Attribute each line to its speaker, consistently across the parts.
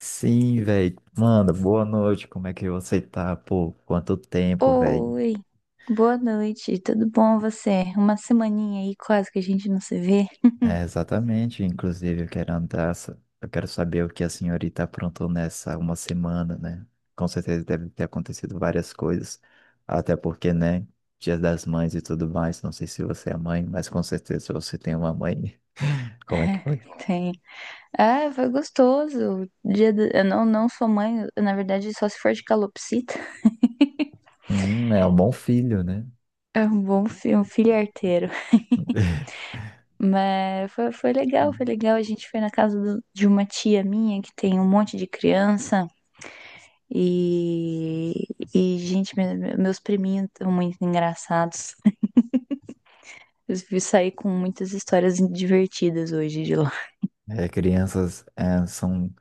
Speaker 1: Sim, velho. Mano, boa noite. Como é que você tá? Pô, quanto tempo, velho?
Speaker 2: Oi, boa noite, tudo bom você? Uma semaninha aí quase que a gente não se vê.
Speaker 1: É, exatamente. Inclusive, eu quero andar. Eu quero saber o que a senhorita aprontou nessa uma semana, né? Com certeza deve ter acontecido várias coisas. Até porque, né? Dia das Mães e tudo mais. Não sei se você é mãe, mas com certeza você tem uma mãe. Como é que
Speaker 2: É,
Speaker 1: foi?
Speaker 2: Tem. Ah, foi gostoso. Eu não sou mãe, eu, na verdade, só se for de calopsita.
Speaker 1: É um bom filho, né?
Speaker 2: É um bom filho, um filho arteiro. Mas foi legal, foi legal. A gente foi na de uma tia minha que tem um monte de criança. E, e gente, meus priminhos estão muito engraçados. Eu saí com muitas histórias divertidas hoje de lá.
Speaker 1: É, crianças, é, são.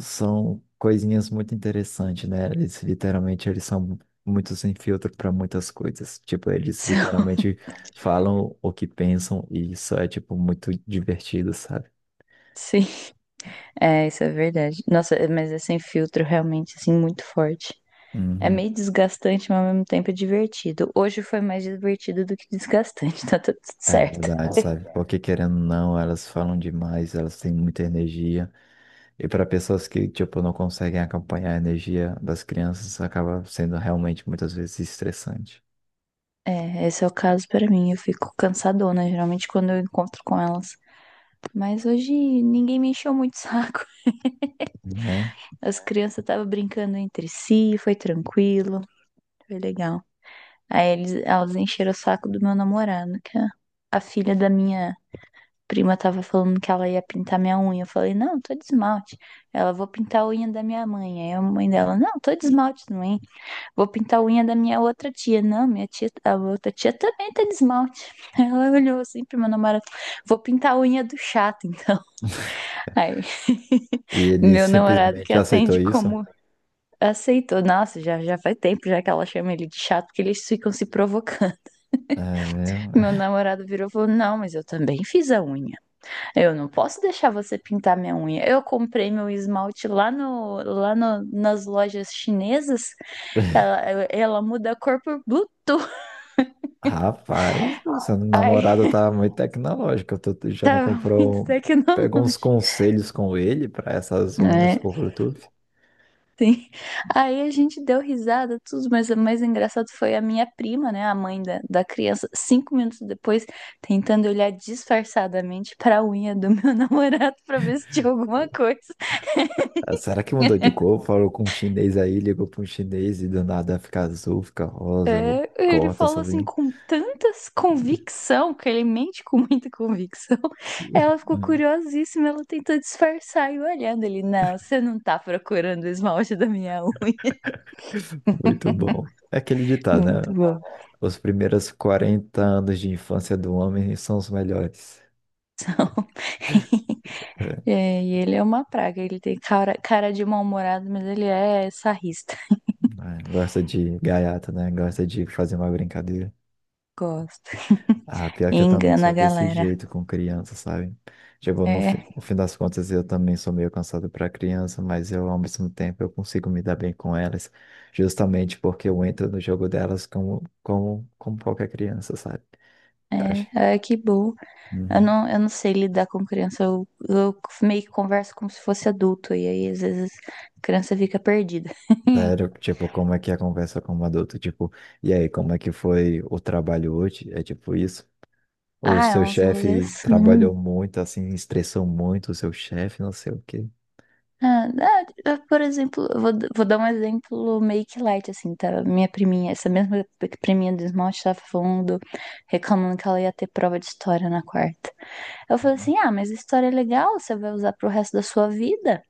Speaker 1: São coisinhas muito interessantes, né? Eles literalmente eles são muito sem filtro para muitas coisas. Tipo, eles
Speaker 2: São-
Speaker 1: literalmente falam o que pensam e isso é tipo muito divertido, sabe?
Speaker 2: Sim, isso é verdade. Nossa, mas é sem filtro realmente, assim, muito forte. É
Speaker 1: Uhum.
Speaker 2: meio desgastante, mas ao mesmo tempo é divertido. Hoje foi mais divertido do que desgastante, tá tudo
Speaker 1: É
Speaker 2: certo.
Speaker 1: verdade, sabe? Porque querendo ou não, elas falam demais, elas têm muita energia. E para pessoas que, tipo, não conseguem acompanhar a energia das crianças, acaba sendo realmente muitas vezes estressante,
Speaker 2: É, esse é o caso pra mim. Eu fico cansadona, geralmente quando eu encontro com elas. Mas hoje ninguém me encheu muito o saco.
Speaker 1: né?
Speaker 2: As crianças estavam brincando entre si, foi tranquilo, foi legal. Aí elas encheram o saco do meu namorado, que é a filha da minha prima tava falando que ela ia pintar minha unha. Eu falei, não, tô de esmalte. Ela, vou pintar a unha da minha mãe. Aí a mãe dela, não, tô de esmalte também. Vou pintar a unha da minha outra tia. Não, minha tia, a outra tia também tá de esmalte. Ela olhou assim pro meu namorado, vou pintar a unha do chato, então. Aí,
Speaker 1: E ele
Speaker 2: meu namorado que
Speaker 1: simplesmente aceitou
Speaker 2: atende
Speaker 1: isso.
Speaker 2: como aceitou. Nossa, já faz tempo já que ela chama ele de chato, porque eles ficam se provocando.
Speaker 1: É, meu.
Speaker 2: Meu namorado virou e falou, não, mas eu também fiz a unha. Eu não posso deixar você pintar minha unha. Eu comprei meu esmalte lá no- nas lojas chinesas. Ela muda a cor por Bluetooth.
Speaker 1: Rapaz, o seu
Speaker 2: Aí
Speaker 1: namorado tá muito tecnológico. Tu já não
Speaker 2: tava muito
Speaker 1: comprou. Pegou uns
Speaker 2: tecnológico.
Speaker 1: conselhos com ele para essas unhas
Speaker 2: É,
Speaker 1: por Bluetooth?
Speaker 2: sim. Aí a gente deu risada, tudo, mas o mais engraçado foi a minha prima, né, a mãe da criança, 5 minutos depois, tentando olhar disfarçadamente pra unha do meu namorado pra ver se tinha alguma coisa.
Speaker 1: Ah, será que mudou de cor? Falou com um chinês aí, ligou para um chinês e do nada fica azul, fica rosa, ou
Speaker 2: É, ele
Speaker 1: corta
Speaker 2: falou assim
Speaker 1: sozinho.
Speaker 2: com tantas convicção, que ele mente com muita convicção. Ela ficou
Speaker 1: Hum,
Speaker 2: curiosíssima, ela tentou disfarçar e olhando ele, não, você não tá procurando o esmalte da minha unha.
Speaker 1: Muito bom. É aquele ditado,
Speaker 2: Muito
Speaker 1: né?
Speaker 2: bom.
Speaker 1: Os primeiros 40 anos de infância do homem são os melhores. É,
Speaker 2: É, e ele é uma praga, ele tem cara de mal-humorado, mas ele é sarrista.
Speaker 1: ah, gosta de gaiata, né? Gosta de fazer uma brincadeira.
Speaker 2: Gosto.
Speaker 1: Ah, pior que eu também
Speaker 2: Engana
Speaker 1: sou
Speaker 2: a
Speaker 1: desse
Speaker 2: galera.
Speaker 1: jeito com criança, sabe? Tipo,
Speaker 2: É,
Speaker 1: no fim das contas, eu também sou meio cansado para criança, mas eu, ao mesmo tempo, eu consigo me dar bem com elas, justamente porque eu entro no jogo delas como qualquer criança, sabe? Eu acho
Speaker 2: é,
Speaker 1: que...
Speaker 2: que bom.
Speaker 1: Uhum.
Speaker 2: Eu não sei lidar com criança. Eu meio que converso como se fosse adulto. E aí, às vezes, a criança fica perdida.
Speaker 1: Sério, tipo, como é que é a conversa com um adulto? Tipo, e aí, como é que foi o trabalho hoje? É tipo isso? O
Speaker 2: Ah, é
Speaker 1: seu
Speaker 2: uns rolês
Speaker 1: chefe
Speaker 2: assim.
Speaker 1: trabalhou muito, assim, estressou muito o seu chefe, não sei o quê.
Speaker 2: Eu, por exemplo, vou dar um exemplo meio que light, assim, tá? Minha priminha, essa mesma priminha do esmalte tava falando, reclamando que ela ia ter prova de história na quarta. Eu falei assim, ah, mas história é legal, você vai usar pro resto da sua vida.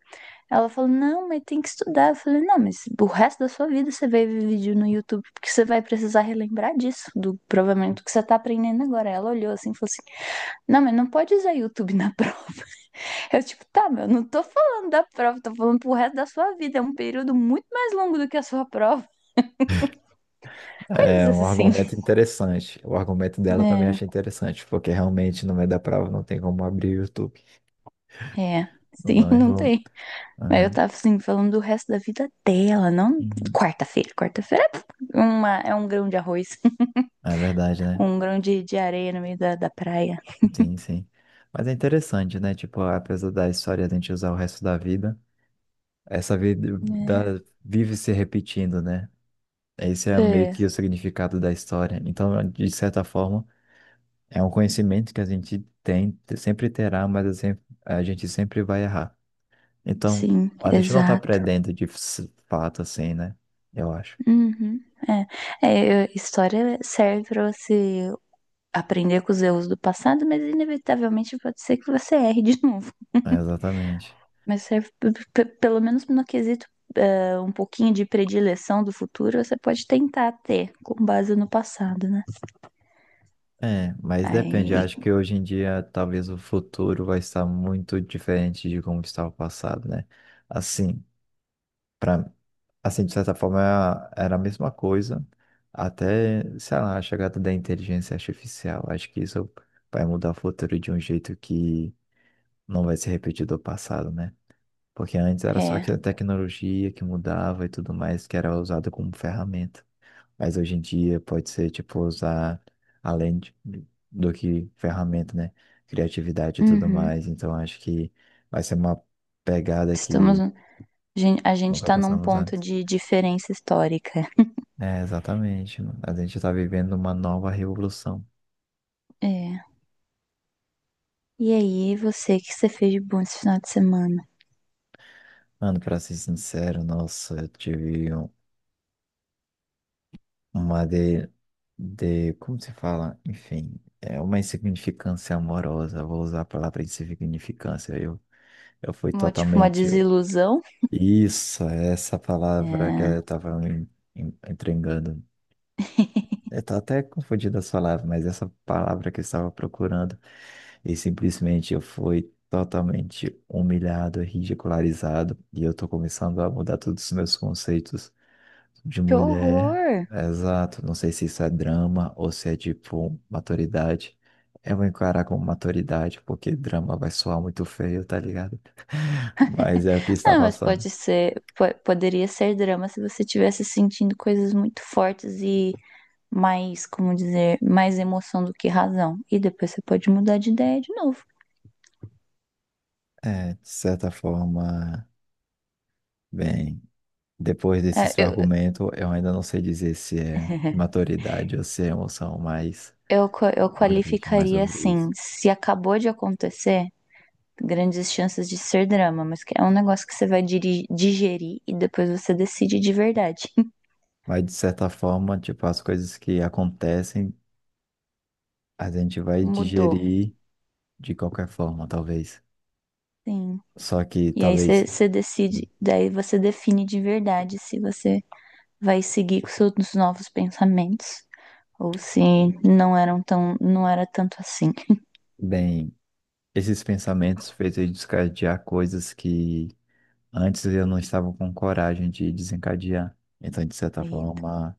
Speaker 2: Ela falou, não, mas tem que estudar. Eu falei, não, mas o resto da sua vida você vai ver vídeo no YouTube, porque você vai precisar relembrar disso, do provavelmente do que você tá aprendendo agora. Ela olhou assim e falou assim, não, mas não pode usar YouTube na prova. Eu, tipo, tá, meu, não tô falando da prova, tô falando pro resto da sua vida. É um período muito mais longo do que a sua prova.
Speaker 1: É
Speaker 2: Coisas
Speaker 1: um
Speaker 2: assim.
Speaker 1: argumento interessante. O argumento dela também
Speaker 2: É,
Speaker 1: achei interessante, porque realmente no meio da prova não tem como abrir o YouTube.
Speaker 2: é,
Speaker 1: Não,
Speaker 2: sim,
Speaker 1: não,
Speaker 2: não
Speaker 1: errou.
Speaker 2: tem. Mas eu
Speaker 1: Aham.
Speaker 2: tava assim, falando do resto da vida dela, não
Speaker 1: Uhum.
Speaker 2: quarta-feira. Quarta-feira é, é um grão de arroz,
Speaker 1: É verdade, né?
Speaker 2: com um grão de areia no meio da praia.
Speaker 1: Sim, sim. Mas é interessante, né? Tipo, apesar da história a gente usar o resto da vida, essa vida vive se repetindo, né? Esse é meio
Speaker 2: É, é,
Speaker 1: que o significado da história. Então, de certa forma, é um conhecimento que a gente tem, sempre terá, mas a gente sempre vai errar. Então,
Speaker 2: sim,
Speaker 1: a gente não tá
Speaker 2: exato.
Speaker 1: perdendo de fato assim, né? Eu acho.
Speaker 2: Uhum, é. História serve para você aprender com os erros do passado, mas inevitavelmente pode ser que você erre de novo.
Speaker 1: É, exatamente.
Speaker 2: Mas serve, pelo menos no quesito, é, um pouquinho de predileção do futuro, você pode tentar ter com base no passado, né?
Speaker 1: É, mas depende.
Speaker 2: Aí,
Speaker 1: Acho que hoje em dia talvez o futuro vai estar muito diferente de como estava o passado, né? Assim, para assim de certa forma era a mesma coisa até, sei lá, a chegada da inteligência artificial. Acho que isso vai mudar o futuro de um jeito que não vai ser repetido do passado, né? Porque antes era só
Speaker 2: é.
Speaker 1: que a tecnologia que mudava e tudo mais, que era usada como ferramenta. Mas hoje em dia pode ser, tipo, usar além de- do que ferramenta, né? Criatividade e tudo
Speaker 2: Uhum.
Speaker 1: mais. Então acho que vai ser uma pegada
Speaker 2: Estamos.
Speaker 1: que
Speaker 2: A gente
Speaker 1: nunca
Speaker 2: tá num
Speaker 1: passamos
Speaker 2: ponto
Speaker 1: antes.
Speaker 2: de diferença histórica.
Speaker 1: É, exatamente, mano. A gente tá vivendo uma nova revolução.
Speaker 2: É. E aí, o que você fez de bom esse final de semana?
Speaker 1: Mano, pra ser sincero, nossa, eu tive uma de, como se fala? Enfim, é uma insignificância amorosa, vou usar a palavra insignificância, eu fui
Speaker 2: Uma, tipo, uma
Speaker 1: totalmente...
Speaker 2: desilusão?
Speaker 1: Isso, é essa palavra que eu
Speaker 2: É.
Speaker 1: estava entregando. Eu tô até confundindo as palavras, mas essa palavra que eu estava procurando, e simplesmente eu fui totalmente humilhado, ridicularizado, e eu tô começando a mudar todos os meus conceitos de
Speaker 2: Que
Speaker 1: mulher,
Speaker 2: horror!
Speaker 1: exato. Não sei se isso é drama ou se é tipo maturidade. Eu vou encarar como maturidade, porque drama vai soar muito feio, tá ligado? Mas é o que está
Speaker 2: Não, mas
Speaker 1: passando.
Speaker 2: pode ser, poderia ser drama se você estivesse sentindo coisas muito fortes e mais, como dizer, mais emoção do que razão. E depois você pode mudar de ideia de novo.
Speaker 1: É, de certa forma, bem, depois desse
Speaker 2: É,
Speaker 1: seu
Speaker 2: eu,
Speaker 1: argumento, eu ainda não sei dizer se é maturidade ou se é emoção, mas
Speaker 2: eu
Speaker 1: vou refletir mais
Speaker 2: qualificaria
Speaker 1: sobre
Speaker 2: assim,
Speaker 1: isso.
Speaker 2: se acabou de acontecer, grandes chances de ser drama, mas que é um negócio que você vai digerir e depois você decide de verdade.
Speaker 1: Mas de certa forma, tipo, as coisas que acontecem, a gente vai
Speaker 2: Mudou.
Speaker 1: digerir de qualquer forma, talvez.
Speaker 2: Sim.
Speaker 1: Só que
Speaker 2: E aí
Speaker 1: talvez,
Speaker 2: você decide, daí você define de verdade se você vai seguir com seus novos pensamentos ou se não era tanto assim.
Speaker 1: bem, esses pensamentos fez eu desencadear coisas que antes eu não estava com coragem de desencadear. Então, de certa
Speaker 2: Eita,
Speaker 1: forma,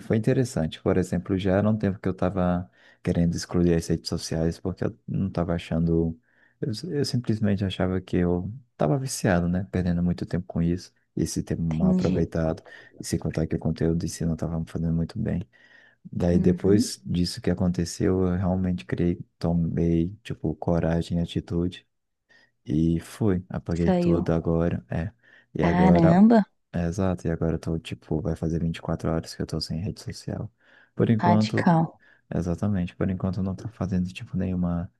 Speaker 1: foi interessante. Por exemplo, já era um tempo que eu estava querendo excluir as redes sociais porque eu não estava achando. Eu simplesmente achava que eu estava viciado, né? Perdendo muito tempo com isso, esse tempo mal
Speaker 2: entendi.
Speaker 1: aproveitado. E sem contar que o conteúdo em si não estava me fazendo muito bem. Daí
Speaker 2: Uhum,
Speaker 1: depois disso que aconteceu, eu realmente criei, tomei, tipo, coragem e atitude e fui, apaguei tudo
Speaker 2: saiu.
Speaker 1: agora, é. E agora,
Speaker 2: Caramba,
Speaker 1: é, exato, e agora eu tô, tipo, vai fazer 24 horas que eu tô sem rede social. Por enquanto,
Speaker 2: radical.
Speaker 1: exatamente, por enquanto eu não tô fazendo, tipo, nenhuma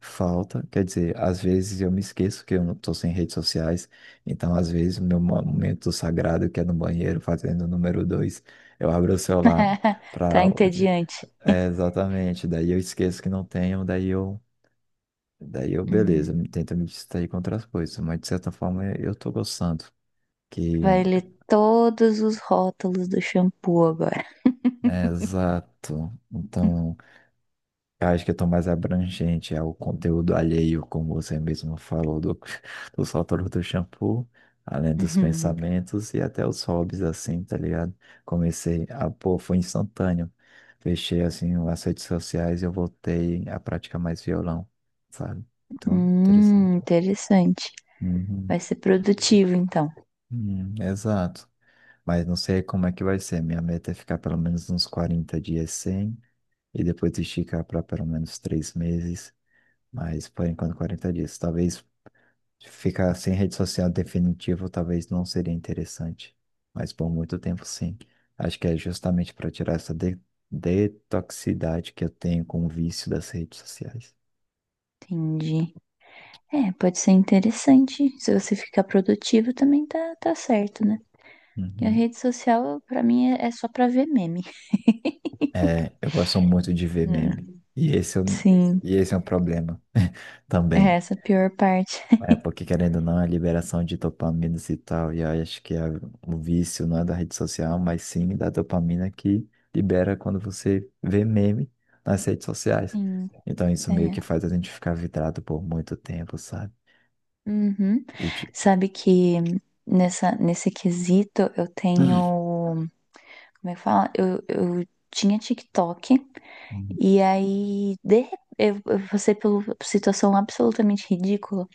Speaker 1: falta. Quer dizer, às vezes eu me esqueço que eu não tô sem redes sociais, então às vezes o meu momento sagrado, que é no banheiro, fazendo o número dois eu abro o celular
Speaker 2: Tá
Speaker 1: para
Speaker 2: entediante.
Speaker 1: é, exatamente. Daí eu esqueço que não tenho, daí eu, beleza,
Speaker 2: Hum,
Speaker 1: eu tento me distrair com outras coisas, mas de certa forma eu tô gostando. Que,
Speaker 2: vai ler todos os rótulos do shampoo agora.
Speaker 1: é, exato. Então, eu acho que eu tô mais abrangente é o conteúdo alheio, como você mesmo falou, do, do sótão do shampoo, além dos pensamentos e até os hobbies, assim, tá ligado? Comecei a, pô, foi instantâneo. Fechei, assim, as redes sociais e eu voltei a praticar mais violão, sabe? Então, interessante.
Speaker 2: Interessante.
Speaker 1: Uhum.
Speaker 2: Vai ser produtivo então.
Speaker 1: Exato. Mas não sei como é que vai ser. Minha meta é ficar pelo menos uns 40 dias sem e depois esticar para pelo menos 3 meses. Mas por enquanto 40 dias. Talvez ficar sem rede social definitivo, talvez não seria interessante. Mas por muito tempo, sim. Acho que é justamente para tirar essa de detoxicidade que eu tenho com o vício das redes sociais.
Speaker 2: Entendi. É, pode ser interessante. Se você ficar produtivo, também tá certo, né? E a
Speaker 1: Uhum.
Speaker 2: rede social, pra mim, é só pra ver meme.
Speaker 1: É, eu gosto muito de ver meme.
Speaker 2: Hum,
Speaker 1: E esse é,
Speaker 2: Sim,
Speaker 1: e esse é um problema
Speaker 2: é
Speaker 1: também.
Speaker 2: essa a pior parte.
Speaker 1: É, porque querendo ou não, a liberação de dopaminas e tal, e aí acho que o vício não é da rede social, mas sim da dopamina que libera quando você vê meme nas redes sociais.
Speaker 2: Sim,
Speaker 1: Então isso meio
Speaker 2: é.
Speaker 1: que faz a gente ficar vidrado por muito tempo, sabe?
Speaker 2: Uhum.
Speaker 1: E tipo,
Speaker 2: Sabe que nesse quesito eu tenho. Como é que fala? Eu tinha TikTok, e aí, de repente, eu passei por uma situação absolutamente ridícula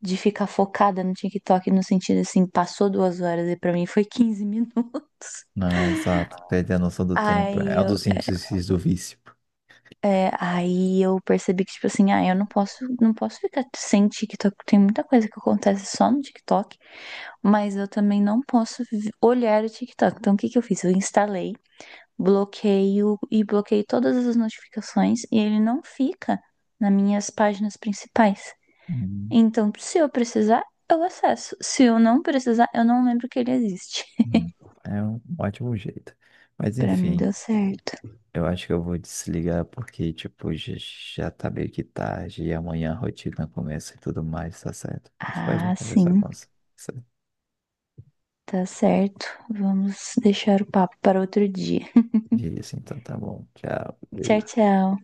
Speaker 2: de ficar focada no TikTok no sentido assim, passou 2 horas e pra mim foi 15 minutos.
Speaker 1: não, é exato, perder a noção do tempo
Speaker 2: Aí
Speaker 1: é um
Speaker 2: eu,
Speaker 1: dos índices do vício.
Speaker 2: aí eu percebi que, tipo assim, ah, eu não posso, não posso ficar sem TikTok. Tem muita coisa que acontece só no TikTok, mas eu também não posso olhar o TikTok. Então, o que que eu fiz? Eu instalei, bloqueio e bloqueei todas as notificações e ele não fica nas minhas páginas principais.
Speaker 1: Hum,
Speaker 2: Então, se eu precisar, eu acesso. Se eu não precisar, eu não lembro que ele existe.
Speaker 1: hum. É um ótimo jeito. Mas
Speaker 2: Pra mim
Speaker 1: enfim,
Speaker 2: deu certo.
Speaker 1: eu acho que eu vou desligar porque, tipo, já tá meio que tarde e amanhã a rotina começa e tudo mais, tá certo? Mas foi bom
Speaker 2: Ah,
Speaker 1: conversar com
Speaker 2: sim,
Speaker 1: você
Speaker 2: tá certo. Vamos deixar o papo para outro dia.
Speaker 1: disso, então tá bom. Tchau. Beijo.
Speaker 2: Tchau, tchau.